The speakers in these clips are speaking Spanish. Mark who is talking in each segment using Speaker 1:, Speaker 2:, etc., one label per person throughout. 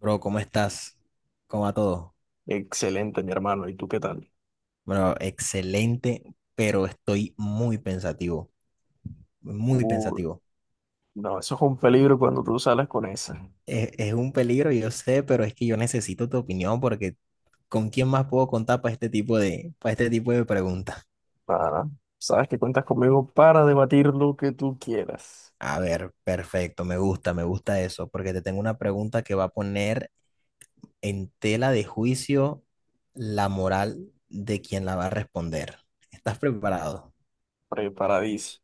Speaker 1: Bro, ¿cómo estás? ¿Cómo va todo?
Speaker 2: Excelente, mi hermano. ¿Y tú qué tal?
Speaker 1: Bro, excelente, pero estoy muy pensativo, muy
Speaker 2: Uy,
Speaker 1: pensativo.
Speaker 2: no, eso es un peligro cuando tú sales con esa.
Speaker 1: Es un peligro, yo sé, pero es que yo necesito tu opinión porque ¿con quién más puedo contar para este tipo de preguntas?
Speaker 2: Para, sabes que cuentas conmigo para debatir lo que tú quieras.
Speaker 1: A ver, perfecto, me gusta eso, porque te tengo una pregunta que va a poner en tela de juicio la moral de quien la va a responder. ¿Estás preparado?
Speaker 2: Preparadísimo.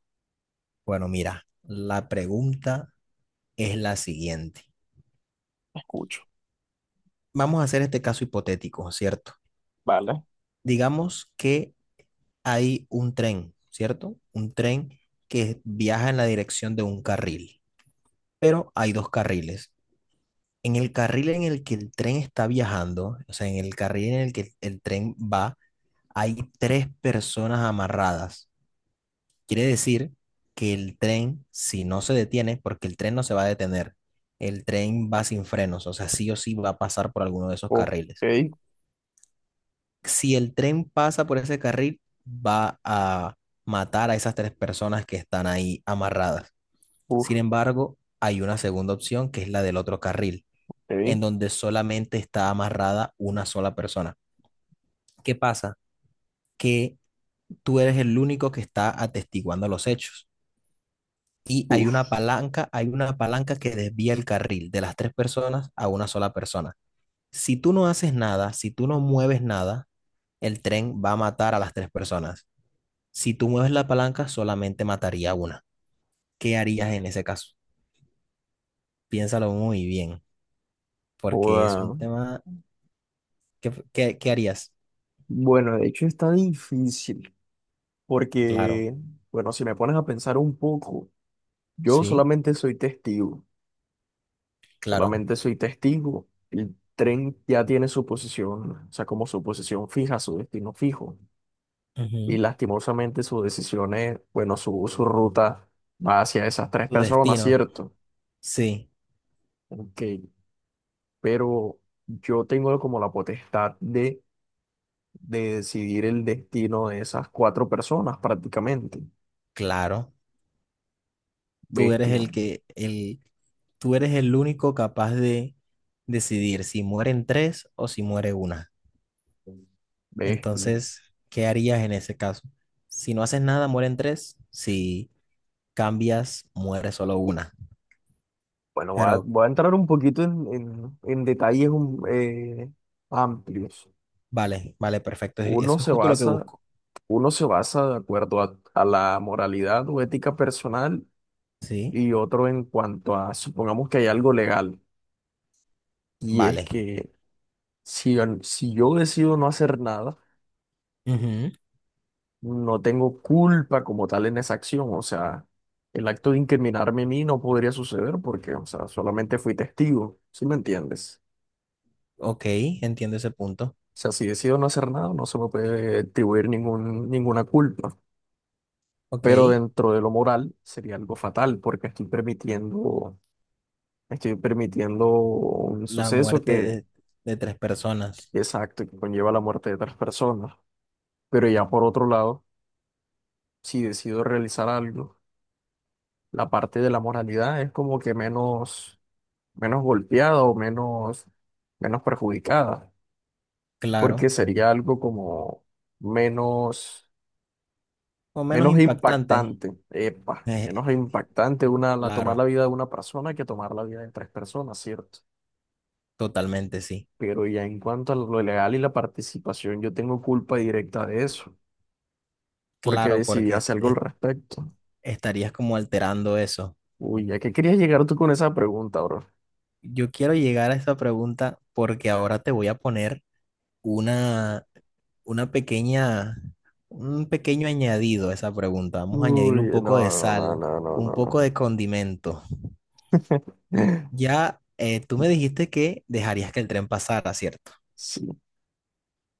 Speaker 1: Bueno, mira, la pregunta es la siguiente.
Speaker 2: Escucho.
Speaker 1: Vamos a hacer este caso hipotético, ¿cierto?
Speaker 2: Vale.
Speaker 1: Digamos que hay un tren, ¿cierto? Un tren que viaja en la dirección de un carril, pero hay dos carriles. En el carril en el que el tren está viajando, o sea, en el carril en el que el tren va, hay tres personas amarradas. Quiere decir que el tren, si no se detiene, porque el tren no se va a detener, el tren va sin frenos, o sea, sí o sí va a pasar por alguno de esos
Speaker 2: Ok.
Speaker 1: carriles. Si el tren pasa por ese carril, va a matar a esas tres personas que están ahí amarradas. Sin
Speaker 2: Uf.
Speaker 1: embargo, hay una segunda opción que es la del otro carril, en
Speaker 2: Ok.
Speaker 1: donde solamente está amarrada una sola persona. ¿Qué pasa? Que tú eres el único que está atestiguando los hechos. Y
Speaker 2: Uf.
Speaker 1: hay una palanca que desvía el carril de las tres personas a una sola persona. Si tú no haces nada, si tú no mueves nada, el tren va a matar a las tres personas. Si tú mueves la palanca, solamente mataría una. ¿Qué harías en ese caso? Piénsalo muy bien, porque es un
Speaker 2: Joda.
Speaker 1: tema... ¿Qué harías?
Speaker 2: Bueno, de hecho está difícil.
Speaker 1: Claro,
Speaker 2: Porque, bueno, si me pones a pensar un poco, yo
Speaker 1: sí,
Speaker 2: solamente soy testigo.
Speaker 1: claro.
Speaker 2: Solamente soy testigo. El tren ya tiene su posición, o sea, como su posición fija, su destino fijo, y
Speaker 1: Ujú.
Speaker 2: lastimosamente sus decisiones, bueno, su ruta va hacia esas tres
Speaker 1: Tu
Speaker 2: personas,
Speaker 1: destino,
Speaker 2: ¿cierto?
Speaker 1: sí,
Speaker 2: Ok, pero yo tengo como la potestad de decidir el destino de esas cuatro personas prácticamente.
Speaker 1: claro. Tú eres
Speaker 2: Bestia,
Speaker 1: el que, el, tú eres el único capaz de decidir si mueren tres o si muere una.
Speaker 2: bestia.
Speaker 1: Entonces, ¿qué harías en ese caso? Si no haces nada, mueren tres. Si cambias, muere solo una.
Speaker 2: Bueno,
Speaker 1: Pero
Speaker 2: voy a entrar un poquito en, en detalles amplios.
Speaker 1: Vale, vale, perfecto.
Speaker 2: Uno
Speaker 1: Eso es
Speaker 2: se
Speaker 1: justo lo que
Speaker 2: basa,
Speaker 1: busco.
Speaker 2: uno se basa de acuerdo a la moralidad o ética personal
Speaker 1: Sí,
Speaker 2: y otro en cuanto a, supongamos que hay algo legal, y es
Speaker 1: vale.
Speaker 2: que si, si yo decido no hacer nada,
Speaker 1: Ujú,
Speaker 2: no tengo culpa como tal en esa acción, o sea, el acto de incriminarme a mí no podría suceder porque, o sea, solamente fui testigo, ¿sí me entiendes?
Speaker 1: Ok, entiendo ese punto.
Speaker 2: O sea, si decido no hacer nada, no se me puede atribuir ninguna culpa,
Speaker 1: Ok,
Speaker 2: pero dentro de lo moral sería algo fatal porque estoy permitiendo un
Speaker 1: la
Speaker 2: suceso
Speaker 1: muerte
Speaker 2: que,
Speaker 1: de tres personas.
Speaker 2: exacto, que conlleva la muerte de otras personas. Pero ya por otro lado, si decido realizar algo, la parte de la moralidad es como que menos golpeada o menos perjudicada, porque
Speaker 1: Claro.
Speaker 2: sería algo como menos,
Speaker 1: O menos
Speaker 2: menos
Speaker 1: impactante.
Speaker 2: impactante, epa,
Speaker 1: eh,
Speaker 2: menos impactante una, la, tomar la
Speaker 1: claro,
Speaker 2: vida de una persona que tomar la vida de tres personas, ¿cierto?
Speaker 1: totalmente, sí.
Speaker 2: Pero ya en cuanto a lo legal y la participación, yo tengo culpa directa de eso, porque
Speaker 1: Claro,
Speaker 2: decidí hacer algo al respecto.
Speaker 1: estarías como alterando eso.
Speaker 2: Uy, ¿a qué querías llegar tú con esa pregunta, bro?
Speaker 1: Yo quiero llegar a esa pregunta porque ahora te voy a poner una una un pequeño añadido a esa pregunta. Vamos a añadirle un
Speaker 2: Uy,
Speaker 1: poco
Speaker 2: no,
Speaker 1: de
Speaker 2: no, no,
Speaker 1: sal,
Speaker 2: no, no,
Speaker 1: un
Speaker 2: no,
Speaker 1: poco
Speaker 2: no.
Speaker 1: de condimento. Ya tú me dijiste que dejarías que el tren pasara, ¿cierto?
Speaker 2: Sí.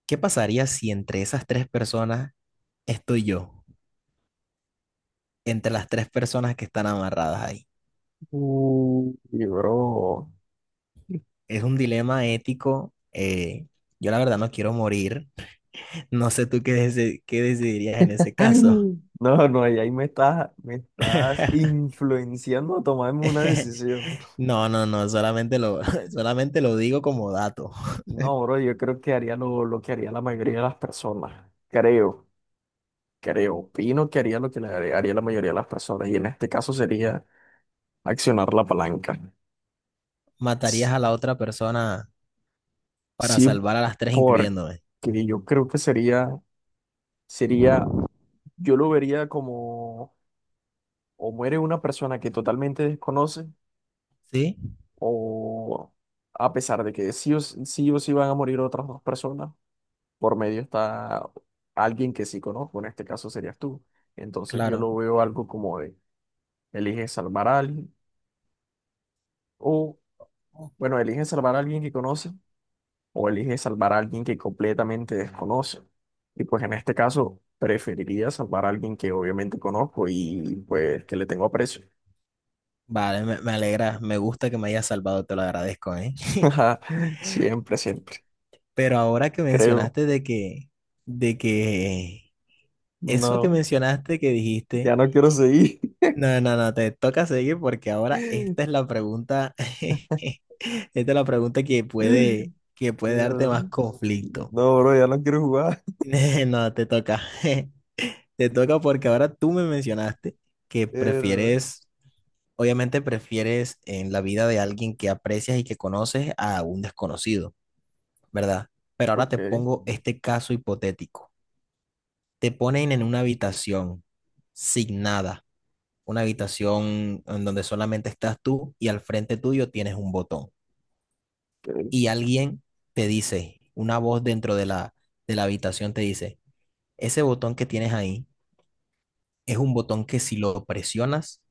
Speaker 1: ¿Qué pasaría si entre esas tres personas estoy yo? Entre las tres personas que están amarradas ahí.
Speaker 2: Uy, bro.
Speaker 1: Es un dilema ético. Yo la verdad no quiero morir. No sé tú qué decidirías en ese
Speaker 2: Ay,
Speaker 1: caso.
Speaker 2: No, no, ahí me estás influenciando a tomarme una decisión.
Speaker 1: No, no, no, solamente lo digo como dato.
Speaker 2: No, bro, yo creo que haría lo que haría la mayoría de las personas. Creo, creo, opino que haría lo que le haría haría la mayoría de las personas. Y en este caso sería accionar la palanca. S-
Speaker 1: Matarías a la otra persona para
Speaker 2: Sí,
Speaker 1: salvar a las tres,
Speaker 2: porque
Speaker 1: incluyéndome.
Speaker 2: yo creo que sería, sería, yo lo vería como o muere una persona que totalmente desconoce,
Speaker 1: ¿Sí?
Speaker 2: o a pesar de que sí, o sí van a morir otras dos personas, por medio está alguien que sí conozco, en este caso serías tú. Entonces yo
Speaker 1: Claro.
Speaker 2: lo veo algo como de, elige salvar a alguien, o bueno, elige salvar a alguien que conoce, o elige salvar a alguien que completamente desconoce. Y pues en este caso preferiría salvar a alguien que obviamente conozco y pues que le tengo aprecio.
Speaker 1: Vale, me alegra, me gusta que me hayas salvado, te lo agradezco, ¿eh?
Speaker 2: Siempre, siempre,
Speaker 1: Pero ahora que
Speaker 2: creo.
Speaker 1: mencionaste de que, eso que
Speaker 2: No.
Speaker 1: mencionaste que dijiste,
Speaker 2: Ya no quiero seguir.
Speaker 1: no, no, no, te toca seguir porque ahora esta es la pregunta, esta es la pregunta que que puede darte
Speaker 2: Mierda.
Speaker 1: más conflicto.
Speaker 2: No, bro, ya no quiero jugar.
Speaker 1: No, te toca, te toca porque ahora tú me mencionaste que
Speaker 2: Mierda.
Speaker 1: prefieres obviamente prefieres en la vida de alguien que aprecias y que conoces a un desconocido, ¿verdad? Pero ahora
Speaker 2: Ok,
Speaker 1: te pongo este caso hipotético. Te ponen en una habitación sin nada, una habitación en donde solamente estás tú y al frente tuyo tienes un botón.
Speaker 2: ok,
Speaker 1: Y alguien te dice, una voz de la habitación te dice, ese botón que tienes ahí es un botón que si lo presionas,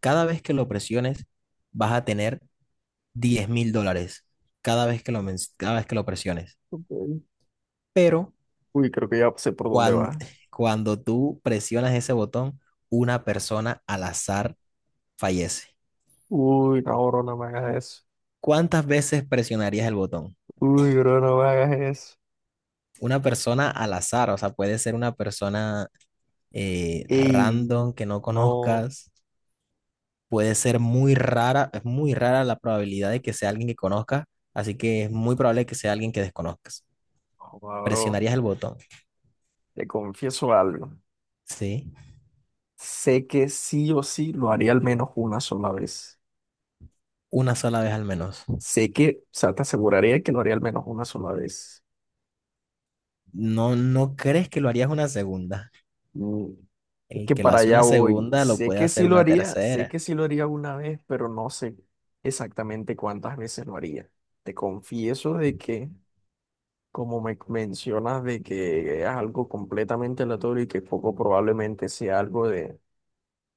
Speaker 1: cada vez que lo presiones, vas a tener $10.000 cada vez que lo presiones.
Speaker 2: ok.
Speaker 1: Pero
Speaker 2: Uy, creo que ya sé por dónde
Speaker 1: cuando,
Speaker 2: va.
Speaker 1: cuando tú presionas ese botón, una persona al azar fallece.
Speaker 2: Uy, no, bro, no me hagas eso.
Speaker 1: ¿Cuántas veces presionarías el botón?
Speaker 2: Uy, bro, no me hagas eso.
Speaker 1: Una persona al azar, o sea, puede ser una persona
Speaker 2: Ey,
Speaker 1: random que no
Speaker 2: no,
Speaker 1: conozcas, puede ser muy rara, es muy rara la probabilidad de que sea alguien que conozcas, así que es muy probable que sea alguien que desconozcas.
Speaker 2: joda, bro,
Speaker 1: Presionarías el botón,
Speaker 2: te confieso algo.
Speaker 1: ¿sí?
Speaker 2: Sé que sí o sí lo haría al menos una sola vez.
Speaker 1: Una sola vez al menos.
Speaker 2: Sé que, o sea, te aseguraría que lo haría al menos una sola vez.
Speaker 1: ¿No, no crees que lo harías una segunda?
Speaker 2: Mm, es
Speaker 1: El
Speaker 2: que
Speaker 1: que lo
Speaker 2: para
Speaker 1: hace
Speaker 2: allá
Speaker 1: una
Speaker 2: voy.
Speaker 1: segunda lo
Speaker 2: Sé
Speaker 1: puede
Speaker 2: que
Speaker 1: hacer
Speaker 2: sí lo
Speaker 1: una
Speaker 2: haría, sé
Speaker 1: tercera.
Speaker 2: que sí lo haría una vez, pero no sé exactamente cuántas veces lo haría. Te confieso de que, como me mencionas, de que es algo completamente aleatorio y que poco probablemente sea algo de,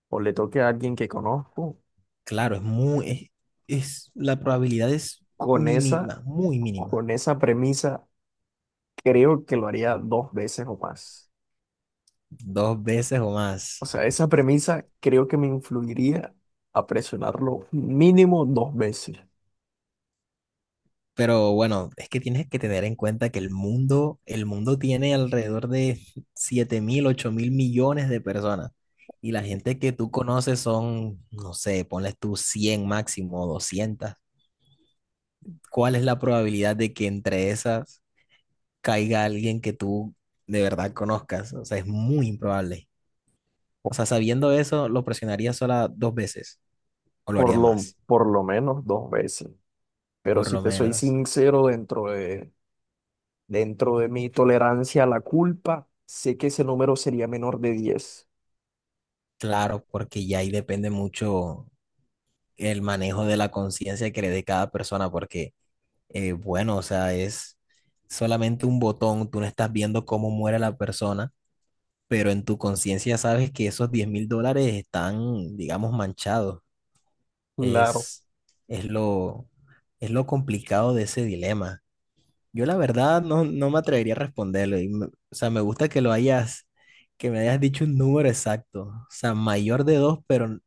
Speaker 2: o le toque a alguien que conozco,
Speaker 1: Claro, es muy, es- la probabilidad es
Speaker 2: con esa,
Speaker 1: mínima, muy mínima.
Speaker 2: con esa premisa, creo que lo haría dos veces o más.
Speaker 1: Dos veces o
Speaker 2: O
Speaker 1: más.
Speaker 2: sea, esa premisa creo que me influiría a presionarlo mínimo dos veces.
Speaker 1: Pero bueno, es que tienes que tener en cuenta que el mundo tiene alrededor de 7.000 u 8.000 millones de personas. Y la gente que tú conoces son, no sé, ponles tú 100 máximo, 200. ¿Cuál es la probabilidad de que entre esas caiga alguien que tú de verdad conozcas? O sea, es muy improbable. O sea, sabiendo eso, lo presionaría sola dos veces o lo haría más,
Speaker 2: Por lo menos dos veces. Pero
Speaker 1: por
Speaker 2: si
Speaker 1: lo
Speaker 2: te soy
Speaker 1: menos.
Speaker 2: sincero, dentro de mi tolerancia a la culpa, sé que ese número sería menor de 10.
Speaker 1: Claro, porque ya ahí depende mucho el manejo de la conciencia que le dé cada persona, porque, bueno, o sea, es solamente un botón, tú no estás viendo cómo muere la persona, pero en tu conciencia sabes que esos $10.000 están, digamos, manchados.
Speaker 2: Claro.
Speaker 1: Es, es lo, es lo complicado de ese dilema. Yo la verdad no, no me atrevería a responderlo. O sea, me gusta que me hayas dicho un número exacto. O sea, mayor de 2 pero,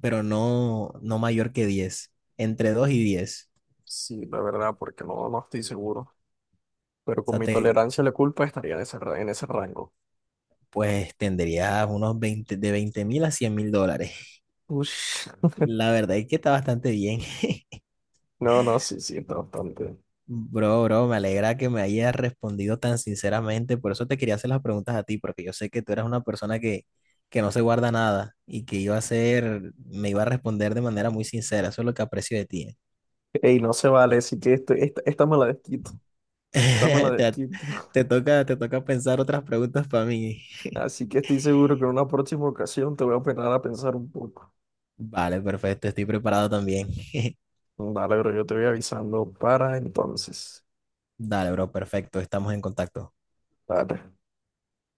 Speaker 1: pero no, no mayor que 10. Entre 2 y 10.
Speaker 2: Sí, la verdad, porque no, no estoy seguro. Pero
Speaker 1: O
Speaker 2: con
Speaker 1: sea,
Speaker 2: mi
Speaker 1: te,
Speaker 2: tolerancia a la culpa estaría en ese, en ese rango.
Speaker 1: pues tendrías unos 20, de 20.000 a $100.000.
Speaker 2: Ush.
Speaker 1: La verdad es que está bastante bien.
Speaker 2: No, no, sí, sí, está bastante.
Speaker 1: Bro, bro, me alegra que me hayas respondido tan sinceramente. Por eso te quería hacer las preguntas a ti, porque yo sé que tú eres una persona que no se guarda nada y que iba a ser, me iba a responder de manera muy sincera. Eso es lo que aprecio de ti.
Speaker 2: Ey, no se vale, así que esto, esta me la desquito. Esta me la
Speaker 1: Te,
Speaker 2: desquito.
Speaker 1: te toca, te toca pensar otras preguntas para mí.
Speaker 2: Así que estoy seguro que en una próxima ocasión te voy a operar a pensar un poco.
Speaker 1: Vale, perfecto. Estoy preparado también.
Speaker 2: Dale, pero yo te voy avisando para entonces.
Speaker 1: Dale, bro, perfecto. Estamos en contacto.
Speaker 2: Dale.